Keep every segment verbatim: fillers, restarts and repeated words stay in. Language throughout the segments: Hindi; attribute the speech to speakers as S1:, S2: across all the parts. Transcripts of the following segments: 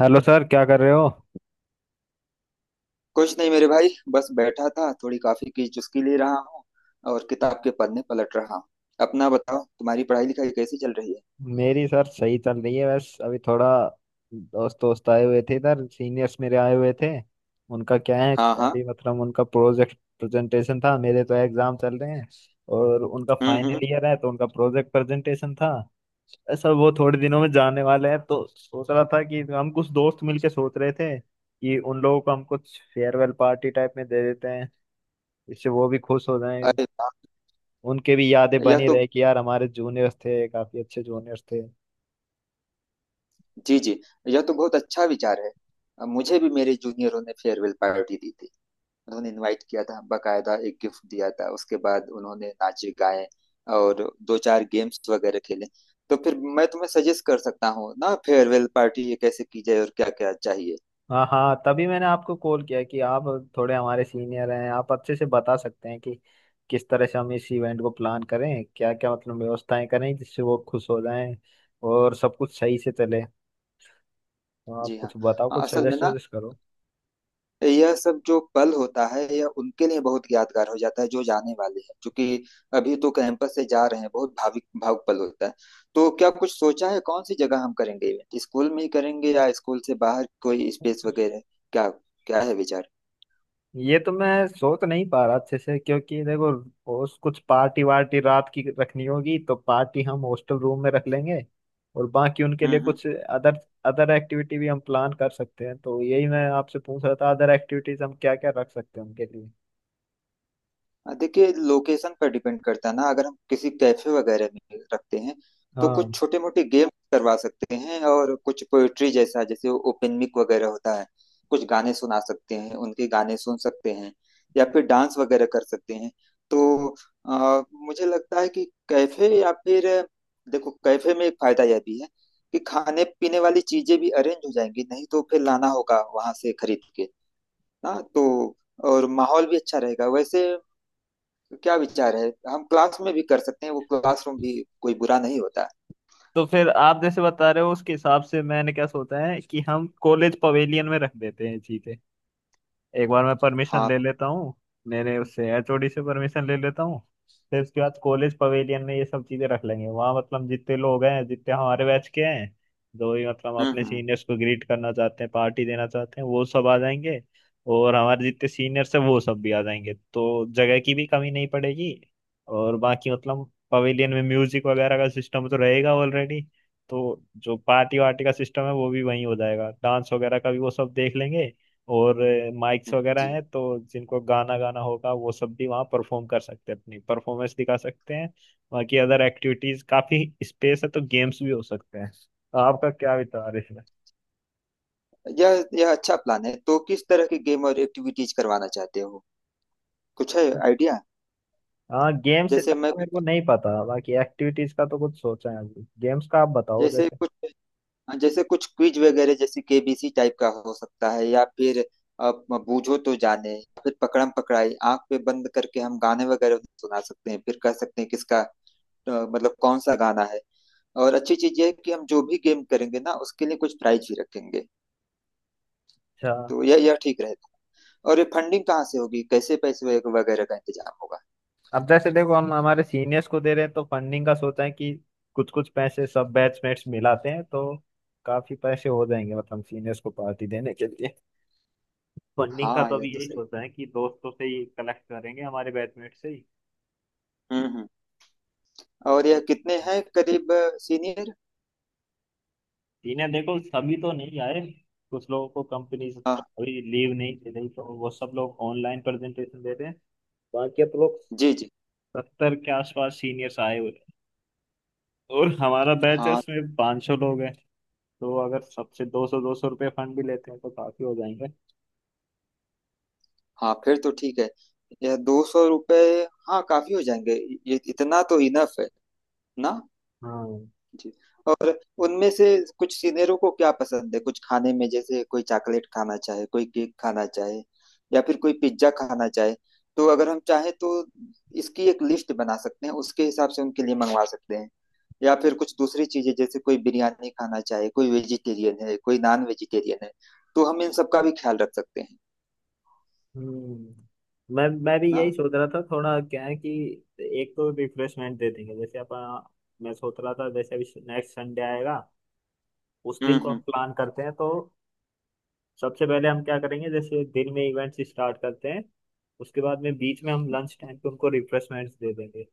S1: हेलो सर, क्या कर रहे हो।
S2: कुछ नहीं मेरे भाई, बस बैठा था, थोड़ी कॉफी की चुस्की ले रहा हूँ और किताब के पन्ने पलट रहा हूँ। अपना बताओ, तुम्हारी पढ़ाई लिखाई कैसी चल रही है?
S1: मेरी सर सही चल रही है। बस अभी थोड़ा दोस्त दोस्त आए हुए थे इधर, सीनियर्स मेरे आए हुए थे। उनका क्या है,
S2: हाँ हाँ।
S1: अभी मतलब उनका प्रोजेक्ट प्रेजेंटेशन था। मेरे तो एग्जाम चल रहे हैं और उनका
S2: हम्म हम्म।
S1: फाइनल ईयर है, तो उनका प्रोजेक्ट प्रेजेंटेशन था। सर वो थोड़े दिनों में जाने वाले हैं, तो सोच रहा था कि हम कुछ दोस्त मिलके सोच रहे थे कि उन लोगों को हम कुछ फेयरवेल पार्टी टाइप में दे देते हैं। इससे वो भी खुश हो जाएं,
S2: अरे वाह।
S1: उनके भी यादें
S2: यह
S1: बनी
S2: तो,
S1: रहे कि यार हमारे जूनियर्स थे, काफी अच्छे जूनियर्स थे।
S2: जी जी। यह तो बहुत अच्छा विचार है। अब मुझे भी मेरे जूनियरों ने फेयरवेल पार्टी दी थी। उन्होंने इनवाइट किया था, बाकायदा एक गिफ्ट दिया था, उसके बाद उन्होंने नाचे गाए और दो चार गेम्स वगैरह खेले। तो फिर मैं तुम्हें सजेस्ट कर सकता हूँ ना, फेयरवेल पार्टी ये कैसे की जाए और क्या क्या चाहिए।
S1: हाँ हाँ, तभी मैंने आपको कॉल किया कि आप थोड़े हमारे सीनियर हैं, आप अच्छे से बता सकते हैं कि किस तरह से हम इस इवेंट को प्लान करें, क्या क्या मतलब व्यवस्थाएं करें जिससे वो खुश हो जाएं और सब कुछ सही से चले। तो आप
S2: जी
S1: कुछ
S2: हाँ।
S1: बताओ,
S2: अ,
S1: कुछ
S2: असल में
S1: सजेस्ट
S2: ना,
S1: वजेस्ट करो।
S2: यह सब जो पल होता है यह उनके लिए बहुत यादगार हो जाता है, जो जाने वाले हैं, क्योंकि अभी तो कैंपस से जा रहे हैं, बहुत भावुक भावुक पल होता है। तो क्या कुछ सोचा है, कौन सी जगह हम करेंगे इवेंट, स्कूल में ही करेंगे या स्कूल से बाहर कोई स्पेस वगैरह, क्या क्या है विचार?
S1: ये तो मैं सोच नहीं पा रहा अच्छे से, क्योंकि देखो उस कुछ पार्टी वार्टी रात की रखनी होगी तो पार्टी हम हॉस्टल रूम में रख लेंगे, और बाकी उनके
S2: हम्म
S1: लिए
S2: हम्म।
S1: कुछ अदर अदर एक्टिविटी भी हम प्लान कर सकते हैं। तो यही मैं आपसे पूछ रहा था, अदर एक्टिविटीज हम क्या क्या रख सकते हैं उनके लिए।
S2: हाँ, देखिए लोकेशन पर डिपेंड करता है ना, अगर हम किसी कैफे वगैरह में रखते हैं तो
S1: हाँ।
S2: कुछ छोटे मोटे गेम करवा सकते हैं, और कुछ पोएट्री जैसा, जैसे ओपन मिक वगैरह होता है, कुछ गाने सुना सकते हैं, उनके गाने सुन सकते हैं, या फिर डांस वगैरह कर सकते हैं। तो अ, मुझे लगता है कि कैफे, या फिर देखो कैफे में एक फायदा यह भी है कि खाने पीने वाली चीजें भी अरेंज हो जाएंगी, नहीं तो फिर लाना होगा वहां से खरीद के ना, तो और माहौल भी अच्छा रहेगा वैसे। तो क्या विचार है, हम क्लास में भी कर सकते हैं, वो क्लासरूम भी कोई बुरा नहीं होता।
S1: तो फिर आप जैसे बता रहे हो उसके हिसाब से मैंने क्या सोचा है कि हम कॉलेज पवेलियन में रख देते हैं चीजें। एक बार मैं परमिशन
S2: हाँ।
S1: ले लेता हूँ, मेरे उससे एच ओ डी से परमिशन ले लेता हूँ। फिर उसके बाद कॉलेज पवेलियन में ये सब चीजें रख लेंगे। वहाँ मतलब जितने लोग हैं, जितने हमारे बैच के हैं, जो भी मतलब
S2: हम्म
S1: अपने
S2: हम्म।
S1: सीनियर्स को ग्रीट करना चाहते हैं, पार्टी देना चाहते हैं, वो सब आ जाएंगे। और हमारे जितने सीनियर्स हैं वो सब भी आ जाएंगे, तो जगह की भी कमी नहीं पड़ेगी। और बाकी मतलब पवेलियन में म्यूजिक वगैरह का सिस्टम तो रहेगा ऑलरेडी, तो जो पार्टी वार्टी का सिस्टम है वो भी वहीं हो जाएगा, डांस वगैरह का भी वो सब देख लेंगे। और माइक्स
S2: हम्म।
S1: वगैरह
S2: जी।
S1: हैं, तो जिनको गाना गाना होगा वो सब भी वहाँ परफॉर्म कर सकते हैं, अपनी परफॉर्मेंस दिखा सकते हैं। बाकी अदर एक्टिविटीज काफी स्पेस है, तो गेम्स भी हो सकते हैं। तो आपका क्या विचार है इसमें।
S2: यह यह अच्छा प्लान है। तो किस तरह की गेम और एक्टिविटीज करवाना चाहते हो, कुछ है आइडिया?
S1: हाँ गेम्स का
S2: जैसे मैं
S1: तो मेरे को नहीं पता, बाकी एक्टिविटीज का तो कुछ सोचा है। अभी गेम्स का आप बताओ
S2: जैसे
S1: जैसे।
S2: कुछ जैसे कुछ क्विज वगैरह, जैसे केबीसी टाइप का हो सकता है, या फिर आप बूझो तो जाने, फिर पकड़म पकड़ाई, आंख पे बंद करके हम गाने वगैरह सुना सकते हैं, फिर कह सकते हैं किसका, अ, मतलब कौन सा गाना है। और अच्छी चीज यह है कि हम जो भी गेम करेंगे ना, उसके लिए कुछ प्राइज भी रखेंगे।
S1: अच्छा।
S2: तो यह यह ठीक रहेगा। और ये फंडिंग कहाँ से होगी, कैसे पैसे वग- वगैरह का इंतजाम होगा?
S1: अब जैसे देखो हम हमारे सीनियर्स को दे रहे हैं, तो फंडिंग का सोचा है कि कुछ कुछ पैसे सब बैचमेट्स मिलाते हैं तो काफी पैसे हो जाएंगे, मतलब सीनियर्स को पार्टी देने के लिए। फंडिंग का
S2: हाँ
S1: तो
S2: यह
S1: अभी
S2: तो
S1: यही
S2: सही।
S1: सोचा है कि दोस्तों से ही कलेक्ट करेंगे, हमारे बैचमेट से ही।
S2: हम्म हम्म।
S1: तो
S2: और
S1: उसी।
S2: यह कितने हैं करीब, सीनियर?
S1: इन्हें देखो सभी तो नहीं आए, कुछ लोगों को कंपनीज
S2: हाँ।
S1: अभी लीव नहीं दे रही, तो वो सब लोग ऑनलाइन प्रेजेंटेशन दे रहे हैं। बाकी आप लोग,
S2: जी जी।
S1: सत्तर के आसपास सीनियर्स आए हुए हैं। और हमारा बैच है
S2: हाँ
S1: उसमें पाँच सौ लोग हैं। तो अगर सबसे दो सौ दो सौ रुपये फंड भी लेते हैं तो काफी हो जाएंगे।
S2: हाँ, फिर तो ठीक है। यह दो सौ रुपये, हाँ काफी हो जाएंगे। ये इतना तो इनफ है ना?
S1: हाँ।
S2: जी। और उनमें से कुछ सीनियरों को क्या पसंद है कुछ खाने में, जैसे कोई चॉकलेट खाना चाहे, कोई केक खाना चाहे, या फिर कोई पिज्जा खाना चाहे, तो अगर हम चाहें तो इसकी एक लिस्ट बना सकते हैं, उसके हिसाब से उनके लिए मंगवा सकते हैं। या फिर कुछ दूसरी चीजें, जैसे कोई बिरयानी खाना चाहे, कोई वेजिटेरियन है कोई नॉन वेजिटेरियन है, तो हम इन सब का भी ख्याल रख सकते हैं
S1: हम्म, मैं मैं भी यही
S2: ना।
S1: सोच रहा था। थोड़ा क्या है कि एक तो रिफ्रेशमेंट दे देंगे जैसे अपन। मैं सोच रहा था जैसे अभी नेक्स्ट संडे आएगा, उस दिन
S2: हम्म
S1: को हम
S2: हम्म।
S1: प्लान करते हैं। तो सबसे पहले हम क्या करेंगे, जैसे दिन में इवेंट्स स्टार्ट करते हैं, उसके बाद में बीच में हम लंच टाइम पे उनको रिफ्रेशमेंट्स दे देंगे।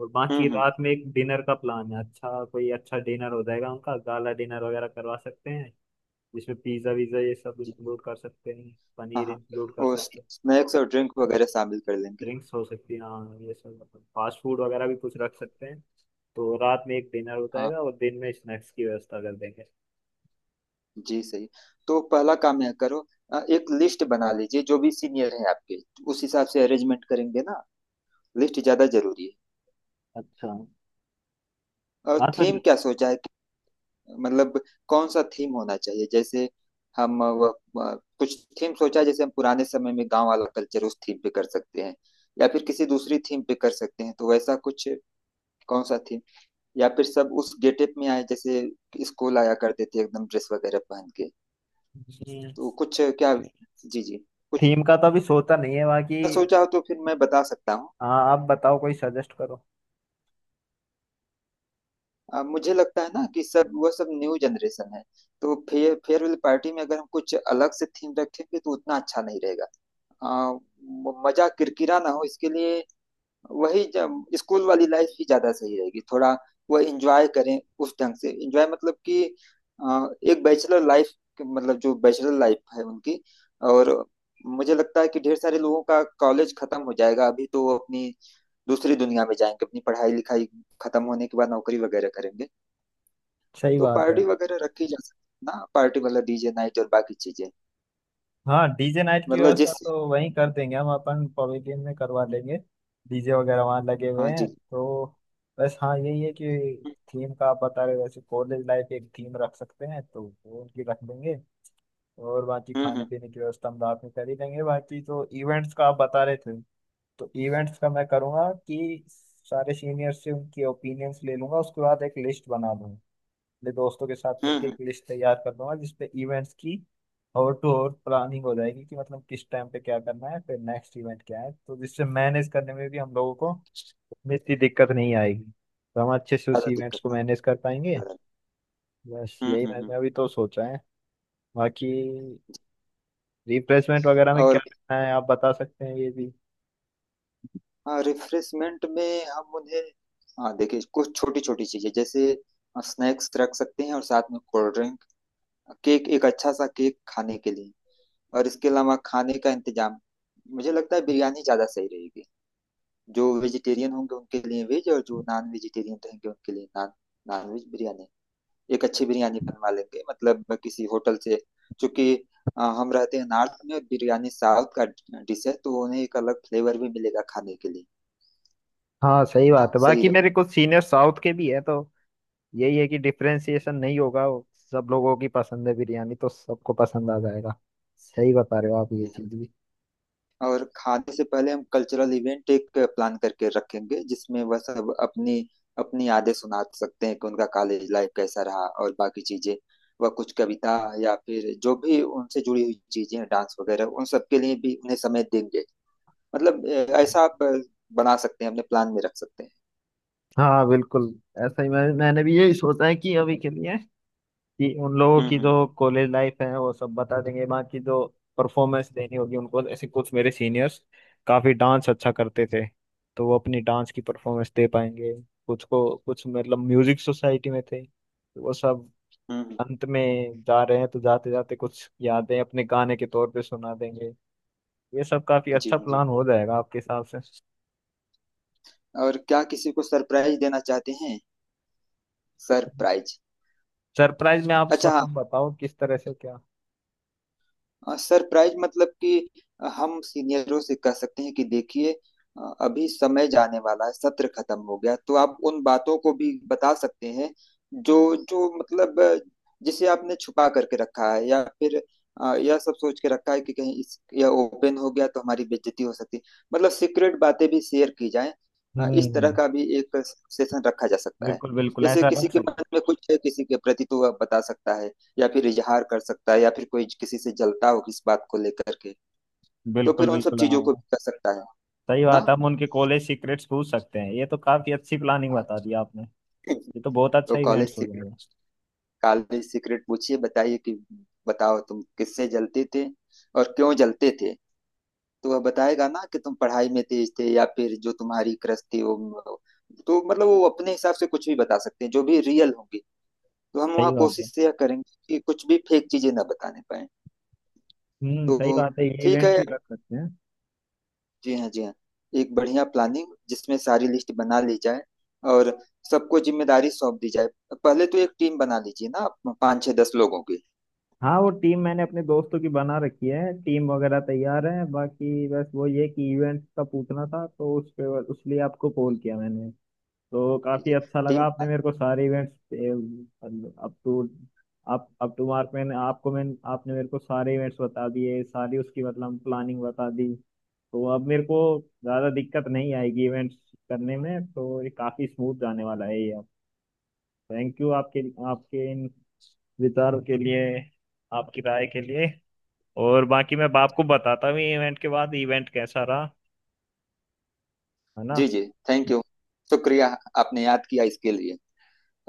S1: और
S2: हम्म
S1: बाकी
S2: हम्म।
S1: रात में एक डिनर का प्लान है, अच्छा कोई अच्छा डिनर हो जाएगा उनका, गाला डिनर वगैरह करवा सकते हैं। जिसमें पिज्ज़ा विज़ा ये सब
S2: जी।
S1: इंक्लूड कर सकते हैं,
S2: हाँ
S1: पनीर
S2: हाँ।
S1: इंक्लूड कर
S2: और
S1: सकते हैं।
S2: स्नैक्स और ड्रिंक वगैरह शामिल कर लेंगे।
S1: ड्रिंक्स हो सकती है, हाँ ये सब अपन फास्ट फूड वगैरह भी कुछ रख सकते हैं। तो रात में एक डिनर हो
S2: हाँ
S1: जाएगा और दिन में स्नैक्स की व्यवस्था कर देंगे।
S2: जी सही। तो पहला काम यह करो, अ, एक लिस्ट बना लीजिए जो भी सीनियर है आपके, उस हिसाब से अरेंजमेंट करेंगे ना, लिस्ट ज्यादा जरूरी
S1: अच्छा।
S2: है।
S1: हाँ।
S2: और
S1: तो
S2: थीम क्या सोचा है कि- मतलब कौन सा थीम होना चाहिए, जैसे हम अ, व- अ, कुछ थीम सोचा है, जैसे हम पुराने समय में गांव वाला कल्चर उस थीम पे कर सकते हैं, या फिर किसी दूसरी थीम पे कर सकते हैं, तो वैसा कुछ, कौन सा थीम? या फिर सब उस गेटअप में आए जैसे स्कूल आया करते थे एकदम ड्रेस वगैरह पहन के, तो कुछ क्या, जी जी।
S1: थीम का तो अभी सोचा नहीं है बाकी।
S2: सोचा हो तो फिर मैं बता सकता हूँ।
S1: हाँ, आप बताओ, कोई सजेस्ट करो।
S2: अ, मुझे लगता है ना कि सब, वो सब न्यू जनरेशन है, तो फे, फेयरवेल पार्टी में अगर हम कुछ अलग से थीम रखेंगे तो उतना अच्छा नहीं रहेगा। अ, म- मजा किरकिरा ना हो इसके लिए, वही जब स्कूल वाली लाइफ ही ज्यादा सही रहेगी, थोड़ा वो एंजॉय करें, उस ढंग से एंजॉय मतलब कि अ, एक बैचलर लाइफ, मतलब जो बैचलर लाइफ है उनकी। और मुझे लगता है कि ढेर सारे लोगों का कॉलेज खत्म हो जाएगा अभी, तो वो अपनी दूसरी दुनिया में जाएंगे, अपनी पढ़ाई लिखाई खत्म होने के बाद नौकरी वगैरह करेंगे।
S1: सही
S2: तो
S1: बात है।
S2: पार्टी वगैरह रखी जा सकती है ना, पार्टी मतलब डीजे नाइट और बाकी चीजें।
S1: हाँ, डीजे नाइट की
S2: मतलब
S1: व्यवस्था
S2: जिस,
S1: तो वहीं कर देंगे, हम अपन पवेलियन में करवा लेंगे, डीजे वगैरह वहाँ लगे हुए
S2: हाँ
S1: हैं
S2: जी।
S1: तो। बस हाँ, यही है कि थीम का आप बता रहे हो, वैसे कॉलेज लाइफ एक थीम रख सकते हैं, तो वो उनकी रख देंगे। और बाकी
S2: हम्म
S1: खाने
S2: हम्म।
S1: पीने की व्यवस्था हम रात में कर ही देंगे, बाकी तो इवेंट्स का आप बता रहे थे। तो इवेंट्स का मैं करूँगा कि सारे सीनियर से उनके ओपिनियंस ले लूंगा, उसके बाद एक लिस्ट बना दूंगा, अपने दोस्तों के साथ
S2: हम्म
S1: मिलकर एक
S2: हम्म।
S1: लिस्ट तैयार कर दूंगा जिसपे इवेंट्स की और टू और प्लानिंग हो जाएगी कि मतलब किस टाइम पे क्या करना है, फिर नेक्स्ट इवेंट क्या है, तो जिससे मैनेज करने में भी हम लोगों को में इतनी दिक्कत नहीं आएगी। तो हम अच्छे से उस
S2: ज्यादा
S1: इवेंट्स
S2: दिक्कत
S1: को
S2: ना
S1: मैनेज
S2: हो,
S1: कर पाएंगे।
S2: ज्यादा।
S1: बस
S2: हम्म
S1: यही
S2: हम्म हम्म।
S1: मैंने अभी तो सोचा है। बाकी रिफ्रेशमेंट वगैरह में क्या
S2: और
S1: रखना है आप बता सकते हैं ये भी।
S2: हाँ, रिफ्रेशमेंट में हम उन्हें, हाँ देखिए कुछ छोटी छोटी चीजें, जैसे स्नैक्स रख सकते हैं, और साथ में कोल्ड ड्रिंक, केक, एक अच्छा सा केक खाने के लिए, और इसके अलावा खाने का इंतजाम, मुझे लगता है बिरयानी ज्यादा सही रहेगी, जो वेजिटेरियन होंगे उनके लिए वेज और जो नॉन वेजिटेरियन रहेंगे उनके लिए नॉन, नॉन वेज बिरयानी। एक अच्छी बिरयानी बनवा लेंगे मतलब किसी होटल से, क्योंकि अ, हम रहते हैं नॉर्थ में और बिरयानी साउथ का डिश है, तो उन्हें एक अलग फ्लेवर भी मिलेगा खाने के लिए।
S1: हाँ सही
S2: ना
S1: बात है,
S2: सही
S1: बाकी मेरे कुछ सीनियर साउथ के भी है, तो यही है कि डिफरेंशिएशन नहीं होगा वो, सब लोगों की पसंद है बिरयानी, तो सबको पसंद आ जाएगा। सही बता रहे हो आप ये
S2: रहे।
S1: चीज भी।
S2: और खाने से पहले हम कल्चरल इवेंट एक प्लान करके रखेंगे, जिसमें वह सब अपनी अपनी यादें सुना सकते हैं कि उनका कॉलेज लाइफ कैसा रहा, और बाकी चीजें, वह कुछ कविता या फिर जो भी उनसे जुड़ी हुई चीजें, डांस वगैरह, उन सब के लिए भी उन्हें समय देंगे, मतलब अ, ऐसा आप अ, बना सकते हैं, अपने प्लान में रख सकते हैं।
S1: हाँ बिल्कुल। ऐसा ही मैं, मैंने भी यही सोचा है कि अभी के लिए कि उन लोगों
S2: हम्म
S1: की
S2: हम्म।
S1: जो कॉलेज लाइफ है वो सब बता देंगे। बाकी जो परफॉर्मेंस देनी होगी उनको ऐसे, कुछ मेरे सीनियर्स काफी डांस अच्छा करते थे, तो वो अपनी डांस की परफॉर्मेंस दे पाएंगे। कुछ को कुछ मतलब म्यूजिक सोसाइटी में थे, तो वो सब
S2: हम्म हम्म।
S1: अंत में जा रहे हैं, तो जाते जाते कुछ यादें अपने गाने के तौर पे सुना देंगे। ये सब काफी
S2: जी
S1: अच्छा
S2: हाँ जी।
S1: प्लान हो जाएगा आपके हिसाब से।
S2: और क्या किसी को सरप्राइज देना चाहते हैं, सरप्राइज?
S1: सरप्राइज में आप
S2: अच्छा।
S1: मतलब बताओ किस तरह से क्या।
S2: हाँ, सरप्राइज मतलब कि हम सीनियरों से कह सकते हैं कि देखिए, अ, अभी समय जाने वाला है, सत्र खत्म हो गया, तो आप उन बातों को भी बता सकते हैं जो, जो मतलब अ, जिसे आपने छुपा करके रखा है, या फिर अ, यह सब सोच के रखा है कि कहीं इस यह ओपन हो गया तो हमारी बेइज्जती हो सकती है, मतलब सीक्रेट बातें भी शेयर की जाएं। अ, इस तरह
S1: हम्म।
S2: का भी एक सेशन रखा जा सकता है।
S1: बिल्कुल बिल्कुल,
S2: जैसे
S1: ऐसा
S2: किसी
S1: रख
S2: के
S1: सकते
S2: मन में कुछ है किसी के प्रति तो वह बता सकता है, या फिर इजहार कर सकता है, या फिर कोई किसी से जलता हो किस बात को लेकर के,
S1: हैं।
S2: तो फिर
S1: बिल्कुल
S2: उन सब
S1: बिल्कुल,
S2: चीजों को
S1: हाँ।
S2: भी कर सकता है।
S1: सही
S2: ना
S1: बात है, हम उनके कॉलेज सीक्रेट्स पूछ सकते हैं, ये तो काफी अच्छी प्लानिंग
S2: हाँ।
S1: बता दी आपने। ये तो बहुत
S2: तो
S1: अच्छा इवेंट
S2: कॉलेज
S1: हो
S2: सीक्रेट,
S1: जाएगा।
S2: कॉलेज सीक्रेट पूछिए, बताइए कि बताओ तुम किससे जलते थे और क्यों जलते थे, तो वह बताएगा ना कि तुम पढ़ाई में तेज थे, या फिर जो तुम्हारी क्रश थी वो, तो मतलब वो अपने हिसाब से कुछ भी बता सकते हैं, जो भी रियल होंगी, तो हम वहाँ
S1: सही बात है।
S2: कोशिश यह करेंगे कि कुछ भी फेक चीजें ना बताने पाए।
S1: हम्म
S2: तो
S1: सही बात है, ये
S2: ठीक है।
S1: इवेंट भी कर सकते हैं।
S2: जी हाँ जी हाँ। एक बढ़िया प्लानिंग जिसमें सारी लिस्ट बना ली जाए और सबको जिम्मेदारी सौंप दी जाए। पहले तो एक टीम बना लीजिए ना आप, पाँच छः दस लोगों की।
S1: हाँ वो टीम मैंने अपने दोस्तों की बना रखी है, टीम वगैरह तैयार है, बाकी बस वो ये कि इवेंट का पूछना था, तो उस पे उसके लिए आपको कॉल किया मैंने। तो
S2: जी
S1: काफी
S2: जी।
S1: अच्छा लगा,
S2: टीम।
S1: आपने मेरे को सारे इवेंट्स अप टू, आप अप टू मार्क, मैंने आपको मैंने आपने मेरे को सारे इवेंट्स बता दिए, सारी उसकी मतलब प्लानिंग बता दी। तो अब मेरे को ज्यादा दिक्कत नहीं आएगी इवेंट्स करने में, तो ये काफी स्मूथ जाने वाला है ये अब। थैंक यू आपके आपके इन विचारों के लिए, आपकी राय के लिए। और बाकी मैं बाप को बताता हूँ इवेंट के बाद इवेंट कैसा रहा, है ना।
S2: जी जी। थैंक यू, शुक्रिया, आपने याद किया इसके लिए।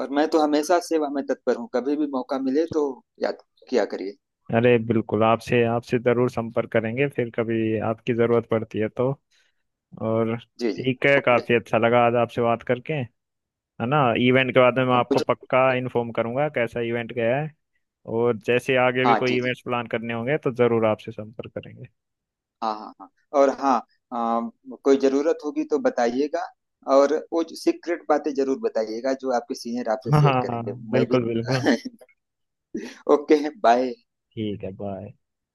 S2: और मैं तो हमेशा सेवा में तत्पर हूँ, कभी भी मौका मिले तो याद किया करिए।
S1: अरे बिल्कुल, आपसे आपसे ज़रूर संपर्क करेंगे फिर कभी आपकी ज़रूरत पड़ती है तो। और
S2: जी जी।
S1: ठीक है,
S2: ओके।
S1: काफ़ी अच्छा लगा आज आपसे बात करके, है ना। इवेंट के बारे में मैं
S2: अब
S1: आपको
S2: मुझे,
S1: पक्का इन्फॉर्म करूंगा कैसा इवेंट गया है। और जैसे आगे भी
S2: हाँ जी
S1: कोई
S2: जी,
S1: इवेंट्स प्लान करने होंगे तो ज़रूर आपसे संपर्क करेंगे।
S2: हाँ हाँ हाँ। और हाँ, अम, कोई जरूरत होगी तो बताइएगा। और वो जो सीक्रेट बातें जरूर बताइएगा जो आपके सीनियर आपसे
S1: हाँ
S2: शेयर
S1: हाँ,
S2: करेंगे, मैं भी
S1: बिल्कुल बिल्कुल,
S2: ओके बाय।
S1: ठीक है, बाय।